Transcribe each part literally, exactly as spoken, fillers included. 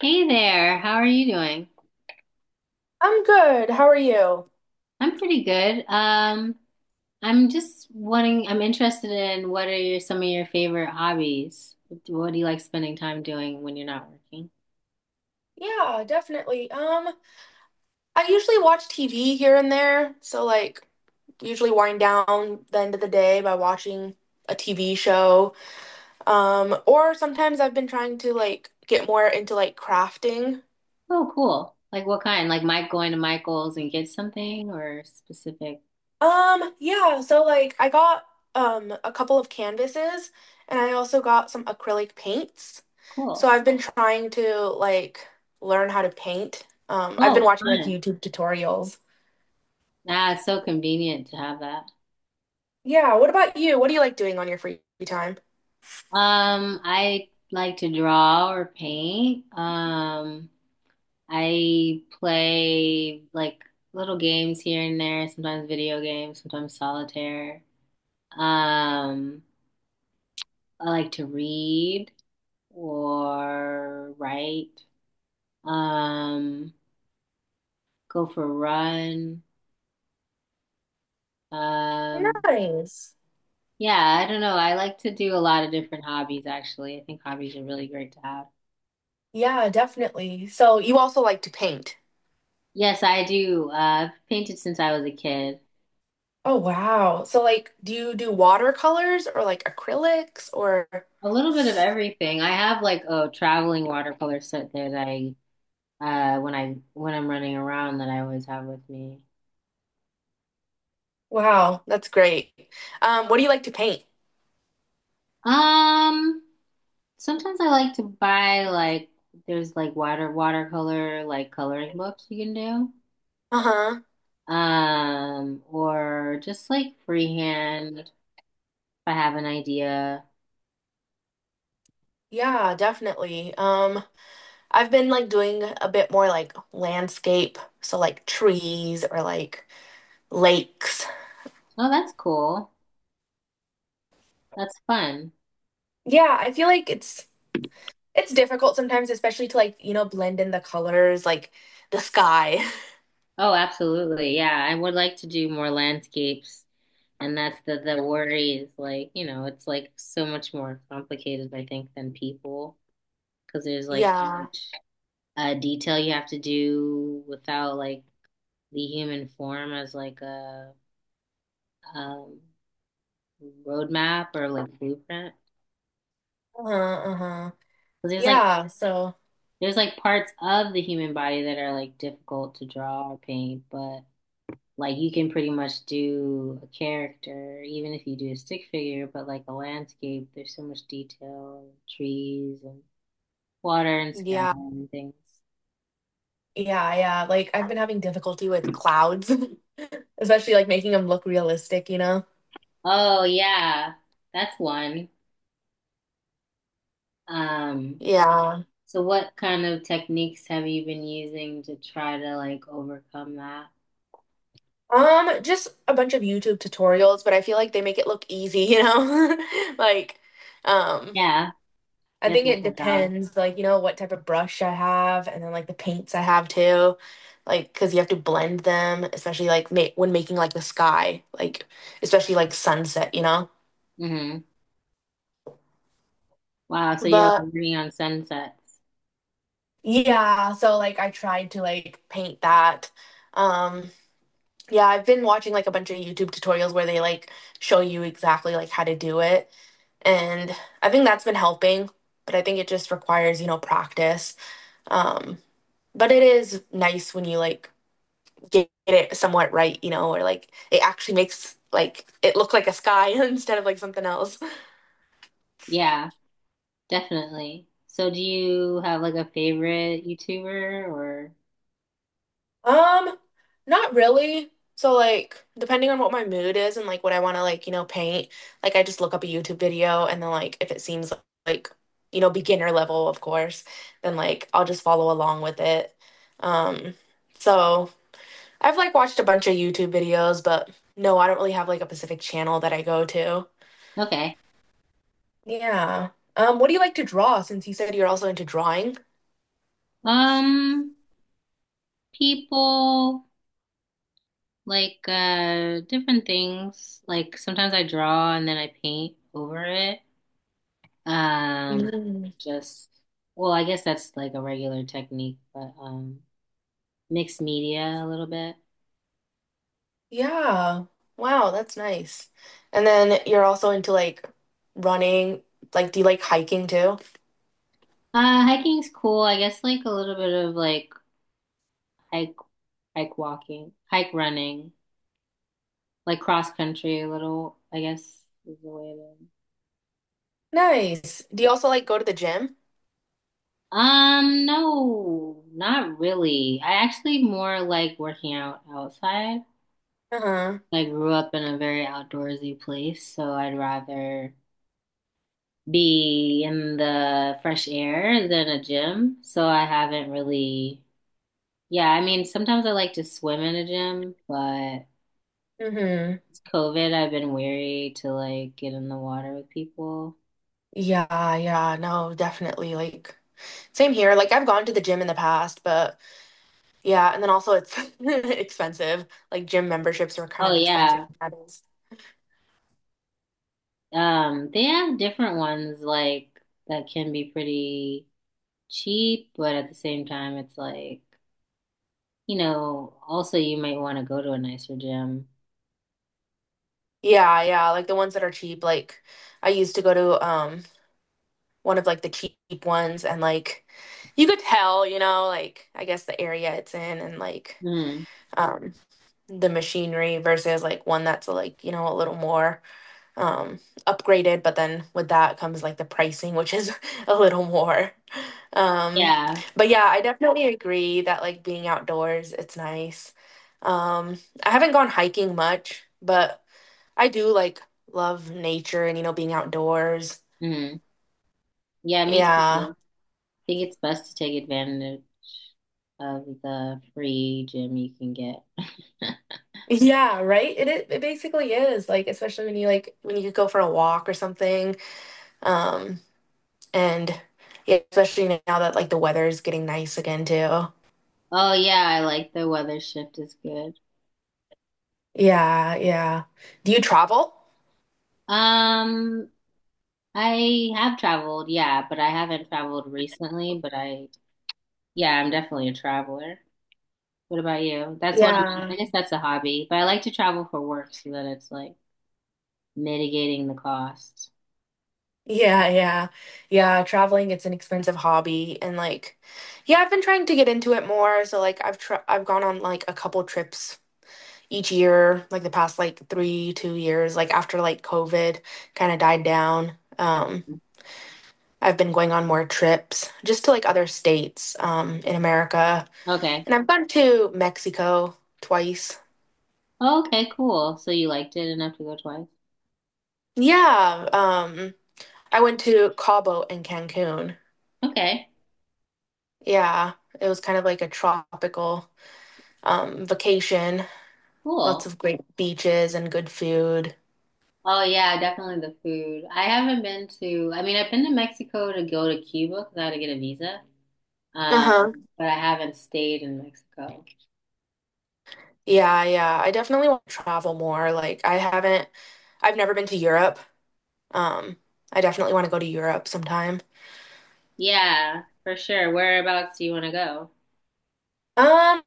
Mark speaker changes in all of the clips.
Speaker 1: Hey there, how are you doing?
Speaker 2: I'm good. How are you?
Speaker 1: I'm pretty good. Um, I'm just wanting, I'm interested in what are your, some of your favorite hobbies? What do you like spending time doing when you're not working?
Speaker 2: Yeah, definitely. Um, I usually watch T V here and there, so like usually wind down the end of the day by watching a T V show. Um, or sometimes I've been trying to like get more into like crafting.
Speaker 1: Oh, cool. Like what kind? Like Mike going to Michael's and get something or specific?
Speaker 2: Um, yeah, so like I got um a couple of canvases, and I also got some acrylic paints.
Speaker 1: Cool.
Speaker 2: So I've been trying to like learn how to paint. Um, I've been
Speaker 1: Oh,
Speaker 2: watching like
Speaker 1: fun.
Speaker 2: YouTube tutorials.
Speaker 1: Ah, it's so convenient to have that.
Speaker 2: Yeah, what about you? What do you like doing on your free time?
Speaker 1: Um, I like to draw or paint. Um, I play like little games here and there, sometimes video games, sometimes solitaire. Um, I like to read or write. Um, go for a run. Um,
Speaker 2: Nice.
Speaker 1: yeah, I don't know. I like to do a lot of different hobbies actually. I think hobbies are really great to have.
Speaker 2: Yeah, definitely. So you also like to paint.
Speaker 1: Yes, I do. Uh, I've painted since I was a kid.
Speaker 2: Oh wow. So like, do you do watercolors or like acrylics or
Speaker 1: A little bit of everything. I have like a traveling watercolor set that I uh when I when I'm running around that I always have with me.
Speaker 2: wow, that's great. Um, what do you like to paint?
Speaker 1: Um, sometimes I like to buy like there's like water watercolor like coloring books you can do.
Speaker 2: Uh-huh.
Speaker 1: Um, or just like freehand if I have an idea.
Speaker 2: Yeah, definitely. Um, I've been like doing a bit more like landscape, so like trees or like lakes.
Speaker 1: Oh, that's cool. That's fun.
Speaker 2: Yeah, I feel like it's It's difficult sometimes, especially to, like, you know, blend in the colors, like the sky.
Speaker 1: Oh, absolutely. Yeah, I would like to do more landscapes. And that's the the worry is like, you know, it's like so much more complicated, I think, than people because there's like so
Speaker 2: Yeah.
Speaker 1: much, a detail you have to do without like the human form as like a um, roadmap or like blueprint.
Speaker 2: Uh-huh, uh-huh.
Speaker 1: 'Cause there's like
Speaker 2: Yeah, so
Speaker 1: there's like parts of the human body that are like difficult to draw or paint, but like you can pretty much do a character, even if you do a stick figure, but like a landscape, there's so much detail, trees and water and sky
Speaker 2: yeah.
Speaker 1: and things.
Speaker 2: Yeah, yeah, like, I've been having difficulty with clouds, especially, like, making them look realistic, you know?
Speaker 1: Oh yeah, that's one. Um,
Speaker 2: Yeah.
Speaker 1: so what kind of techniques have you been using to try to like overcome that?
Speaker 2: Um, just a bunch of YouTube tutorials, but I feel like they make it look easy, you know? Like, um
Speaker 1: Yeah,
Speaker 2: I
Speaker 1: yes,
Speaker 2: think
Speaker 1: that's
Speaker 2: it
Speaker 1: my job.
Speaker 2: depends, like, you know, what type of brush I have and then like the paints I have too. Like, because you have to blend them, especially like ma when making like the sky, like, especially like sunset, you know?
Speaker 1: Hmm. Wow, so you're like
Speaker 2: But
Speaker 1: working on sunsets.
Speaker 2: yeah, so like I tried to like paint that. Um, yeah, I've been watching like a bunch of YouTube tutorials where they like show you exactly like how to do it. And I think that's been helping, but I think it just requires, you know, practice. Um, but it is nice when you like get it somewhat right, you know, or like it actually makes like it look like a sky instead of like something else.
Speaker 1: Yeah, definitely. So do you have like a favorite YouTuber or
Speaker 2: Um, Not really. So like depending on what my mood is and like what I want to like, you know, paint, like I just look up a YouTube video and then like if it seems like, you know, beginner level, of course, then like I'll just follow along with it. Um, so I've like watched a bunch of YouTube videos, but no, I don't really have like a specific channel that I go to.
Speaker 1: okay?
Speaker 2: Yeah. Um, what do you like to draw since you said you're also into drawing?
Speaker 1: Um, People like uh different things. Like sometimes I draw and then I paint over it. Um,
Speaker 2: Mm.
Speaker 1: just well, I guess that's like a regular technique, but um mixed media a little bit.
Speaker 2: Yeah. Wow, that's nice. And then you're also into like running. Like, do you like hiking too?
Speaker 1: Uh, hiking's cool. I guess like a little bit of like hike, hike walking, hike running, like cross country a little, I guess is the way to.
Speaker 2: Nice. Do you also like go to the gym?
Speaker 1: Um, no, not really. I actually more like working out outside.
Speaker 2: Uh-huh.
Speaker 1: I grew up in a very outdoorsy place, so I'd rather be in the fresh air than a gym. So I haven't really, yeah, I mean, sometimes I like to swim in a gym, but
Speaker 2: Mm-hmm.
Speaker 1: it's COVID. I've been weary to like get in the water with people.
Speaker 2: Yeah, yeah, no, definitely. Like same here. Like I've gone to the gym in the past, but yeah, and then also it's expensive. Like gym memberships are kind
Speaker 1: Oh
Speaker 2: of expensive
Speaker 1: yeah.
Speaker 2: nowadays.
Speaker 1: Um, they have different ones like that can be pretty cheap, but at the same time it's like, you know, also you might want to go to a nicer gym.
Speaker 2: Yeah, yeah, like the ones that are cheap. Like I used to go to um one of like the cheap ones and like you could tell, you know, like I guess the area it's in and like
Speaker 1: Mm.
Speaker 2: um the machinery versus like one that's like, you know, a little more um upgraded, but then with that comes like the pricing, which is a little more. Um
Speaker 1: Yeah.
Speaker 2: but yeah, I definitely agree that like being outdoors, it's nice. Um I haven't gone hiking much, but I do like love nature and you know being outdoors.
Speaker 1: Mm. Yeah, me
Speaker 2: Yeah.
Speaker 1: too. I think it's best to take advantage of the free gym you can get.
Speaker 2: Yeah, right? It i- it basically is like especially when you like when you could go for a walk or something. Um and yeah, especially now that like the weather is getting nice again too.
Speaker 1: Oh yeah, I like the weather shift is good.
Speaker 2: Yeah, yeah. Do you travel?
Speaker 1: Um, I have traveled, yeah, but I haven't traveled recently, but I, yeah, I'm definitely a traveler. What about you? That's one of my,
Speaker 2: Yeah.
Speaker 1: I guess that's a hobby, but I like to travel for work so that it's like mitigating the cost.
Speaker 2: Yeah, yeah. Yeah, traveling it's an expensive hobby and like yeah, I've been trying to get into it more. So like I've tr I've gone on like a couple trips each year, like the past like three, two years, like after like COVID kind of died down, um, I've been going on more trips just to like other states, um, in America.
Speaker 1: Okay.
Speaker 2: And I've gone to Mexico twice.
Speaker 1: Oh, okay, cool. So you liked it enough to go twice?
Speaker 2: Yeah, um, I went to Cabo and Cancun.
Speaker 1: Okay,
Speaker 2: Yeah, it was kind of like a tropical, um, vacation. Lots
Speaker 1: cool.
Speaker 2: of great beaches and good food.
Speaker 1: Oh yeah, definitely the food. I haven't been to, I mean, I've been to Mexico to go to Cuba because I had to get a visa. Um,
Speaker 2: Uh-huh.
Speaker 1: but I haven't stayed in Mexico.
Speaker 2: Yeah, yeah. I definitely want to travel more. Like I haven't I've never been to Europe. Um, I definitely want to go to Europe sometime.
Speaker 1: Yeah, for sure. Whereabouts do you want to go?
Speaker 2: Um,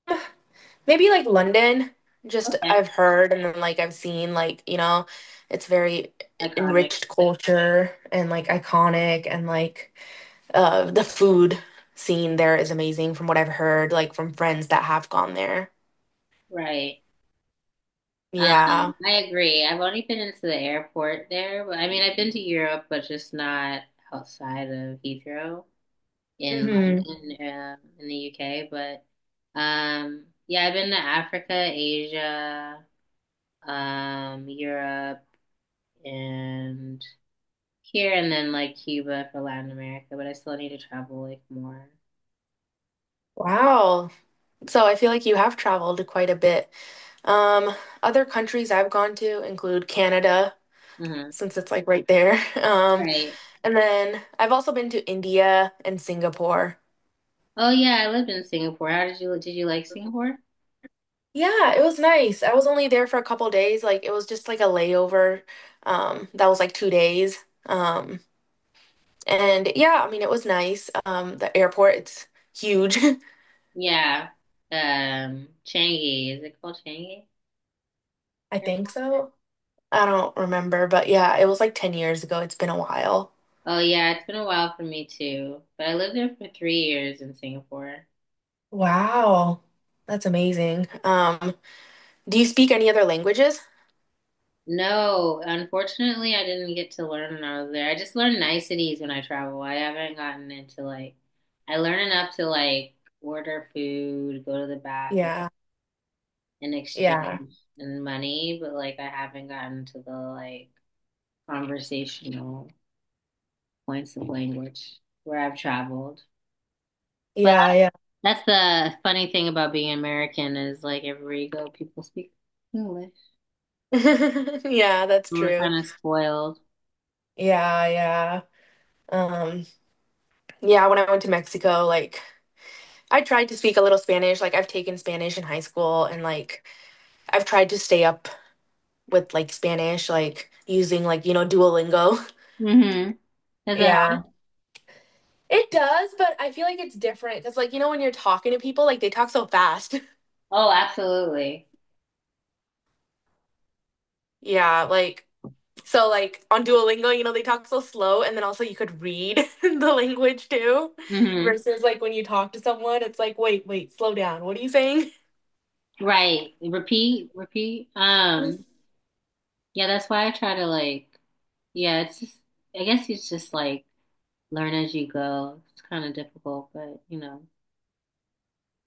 Speaker 2: Maybe like London. Just
Speaker 1: Okay.
Speaker 2: I've heard and then like I've seen like, you know, it's very
Speaker 1: Iconic.
Speaker 2: enriched culture and like iconic and like uh the food scene there is amazing from what I've heard like from friends that have gone there.
Speaker 1: Right. Um,
Speaker 2: Yeah.
Speaker 1: I agree. I've only been into the airport there, but I mean, I've been to Europe, but just not outside of Heathrow in
Speaker 2: Hmm.
Speaker 1: London, uh, in the U K. But um, yeah, I've been to Africa, Asia, um, Europe, and here, and then like Cuba for Latin America. But I still need to travel like more.
Speaker 2: Wow. So I feel like you have traveled quite a bit. Um, Other countries I've gone to include Canada,
Speaker 1: Mhm.
Speaker 2: since it's like right there. Um,
Speaker 1: Right.
Speaker 2: And then I've also been to India and Singapore.
Speaker 1: Oh yeah, I lived in Singapore. How did you Did you like Singapore?
Speaker 2: Yeah, it was nice. I was only there for a couple days. Like it was just like a layover. Um, that was like two days. Um, and yeah, I mean it was nice. Um, the airport, it's huge.
Speaker 1: Yeah. Um, Changi. Is it called Changi?
Speaker 2: I think so. I don't remember, but yeah, it was like ten years ago. It's been a while.
Speaker 1: Oh yeah, it's been a while for me too. But I lived there for three years in Singapore.
Speaker 2: Wow. That's amazing. Um, do you speak any other languages?
Speaker 1: No, unfortunately, I didn't get to learn when I was there. I just learned niceties when I travel. I haven't gotten into like, I learn enough to like order food, go to the bathroom,
Speaker 2: Yeah,
Speaker 1: and
Speaker 2: yeah,
Speaker 1: exchange and money, but like I haven't gotten to the like conversational points of language where I've traveled. But
Speaker 2: yeah, yeah.
Speaker 1: that's the funny thing about being American is like everywhere you go, people speak English.
Speaker 2: Yeah, that's
Speaker 1: We're
Speaker 2: true.
Speaker 1: kind of spoiled.
Speaker 2: Yeah, yeah. Um, yeah, when I went to Mexico, like I tried to speak a little Spanish. Like I've taken Spanish in high school and like I've tried to stay up with like Spanish, like using like, you know, Duolingo.
Speaker 1: Mm-hmm. Does it
Speaker 2: Yeah.
Speaker 1: help?
Speaker 2: It does, but I feel like it's different because like, you know, when you're talking to people, like they talk so fast.
Speaker 1: Oh, absolutely.
Speaker 2: Yeah, like so like on Duolingo, you know, they talk so slow and then also you could read the language too.
Speaker 1: Mm-hmm.
Speaker 2: Versus like when you talk to someone, it's like, wait, wait, slow down. What are you saying?
Speaker 1: Right. Repeat, repeat. Um, yeah, that's why I try to like, yeah, it's just, I guess it's just like learn as you go. It's kind of difficult, but you know,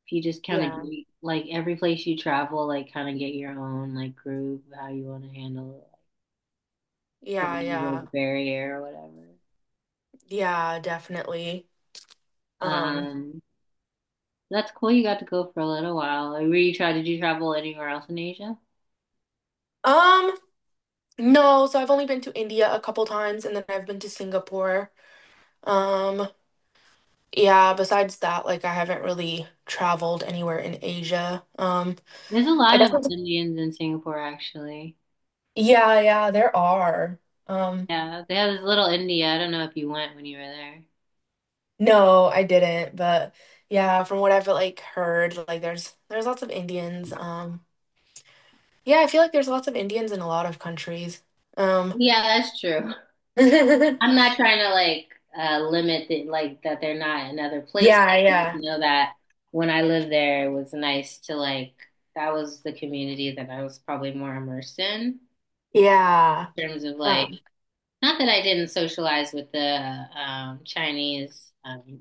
Speaker 1: if you just kind of
Speaker 2: Yeah.
Speaker 1: get, like every place you travel, like kind of get your own like groove, how you want to handle it, like
Speaker 2: Yeah,
Speaker 1: the
Speaker 2: yeah.
Speaker 1: language barrier or whatever.
Speaker 2: Yeah, definitely. Um,
Speaker 1: Um, that's cool. You got to go for a little while. Were you try? Did you travel anywhere else in Asia?
Speaker 2: um, no, so I've only been to India a couple times and then I've been to Singapore. Um, yeah, besides that, like I haven't really traveled anywhere in Asia. Um,
Speaker 1: There's a
Speaker 2: I
Speaker 1: lot of
Speaker 2: definitely
Speaker 1: Indians in Singapore, actually.
Speaker 2: yeah, yeah, there are. Um,
Speaker 1: Yeah, they have this little India. I don't know if you went when you were there.
Speaker 2: no, I didn't, but yeah, from what I've like heard, like there's there's lots of Indians. Um, yeah, I feel like there's lots of Indians in a lot of countries. Um,
Speaker 1: Yeah, that's true.
Speaker 2: yeah,
Speaker 1: I'm not trying to like uh, limit the like that they're not in other places. I just
Speaker 2: yeah.
Speaker 1: know that when I lived there, it was nice to like that was the community that I was probably more immersed in
Speaker 2: Yeah.
Speaker 1: in terms of
Speaker 2: Uh,
Speaker 1: like not that I didn't socialize with the uh, um, Chinese um,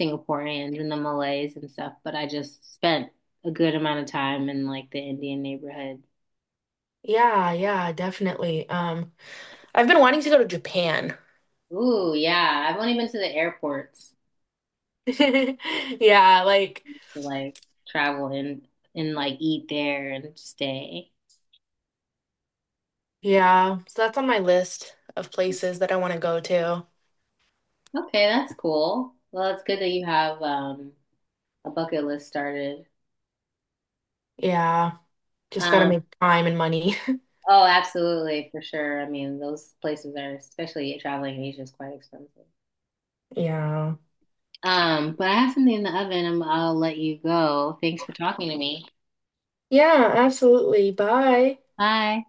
Speaker 1: Singaporeans and the Malays and stuff, but I just spent a good amount of time in like the Indian neighborhood.
Speaker 2: yeah, yeah, definitely. Um, I've been wanting to go to Japan.
Speaker 1: Ooh, yeah. I've only been to the airports
Speaker 2: Yeah, like,
Speaker 1: to like travel and and like eat there and stay.
Speaker 2: yeah. So that's on my list of places that I want to go to.
Speaker 1: Okay, that's cool. Well, it's good that you have um a bucket list started.
Speaker 2: Yeah, just gotta
Speaker 1: Um,
Speaker 2: make time and money.
Speaker 1: oh, absolutely, for sure. I mean, those places are, especially traveling in Asia, is quite expensive.
Speaker 2: Yeah.
Speaker 1: Um, but I have something in the oven. i I'll let you go. Thanks for talking to me.
Speaker 2: Yeah, absolutely. Bye.
Speaker 1: Bye.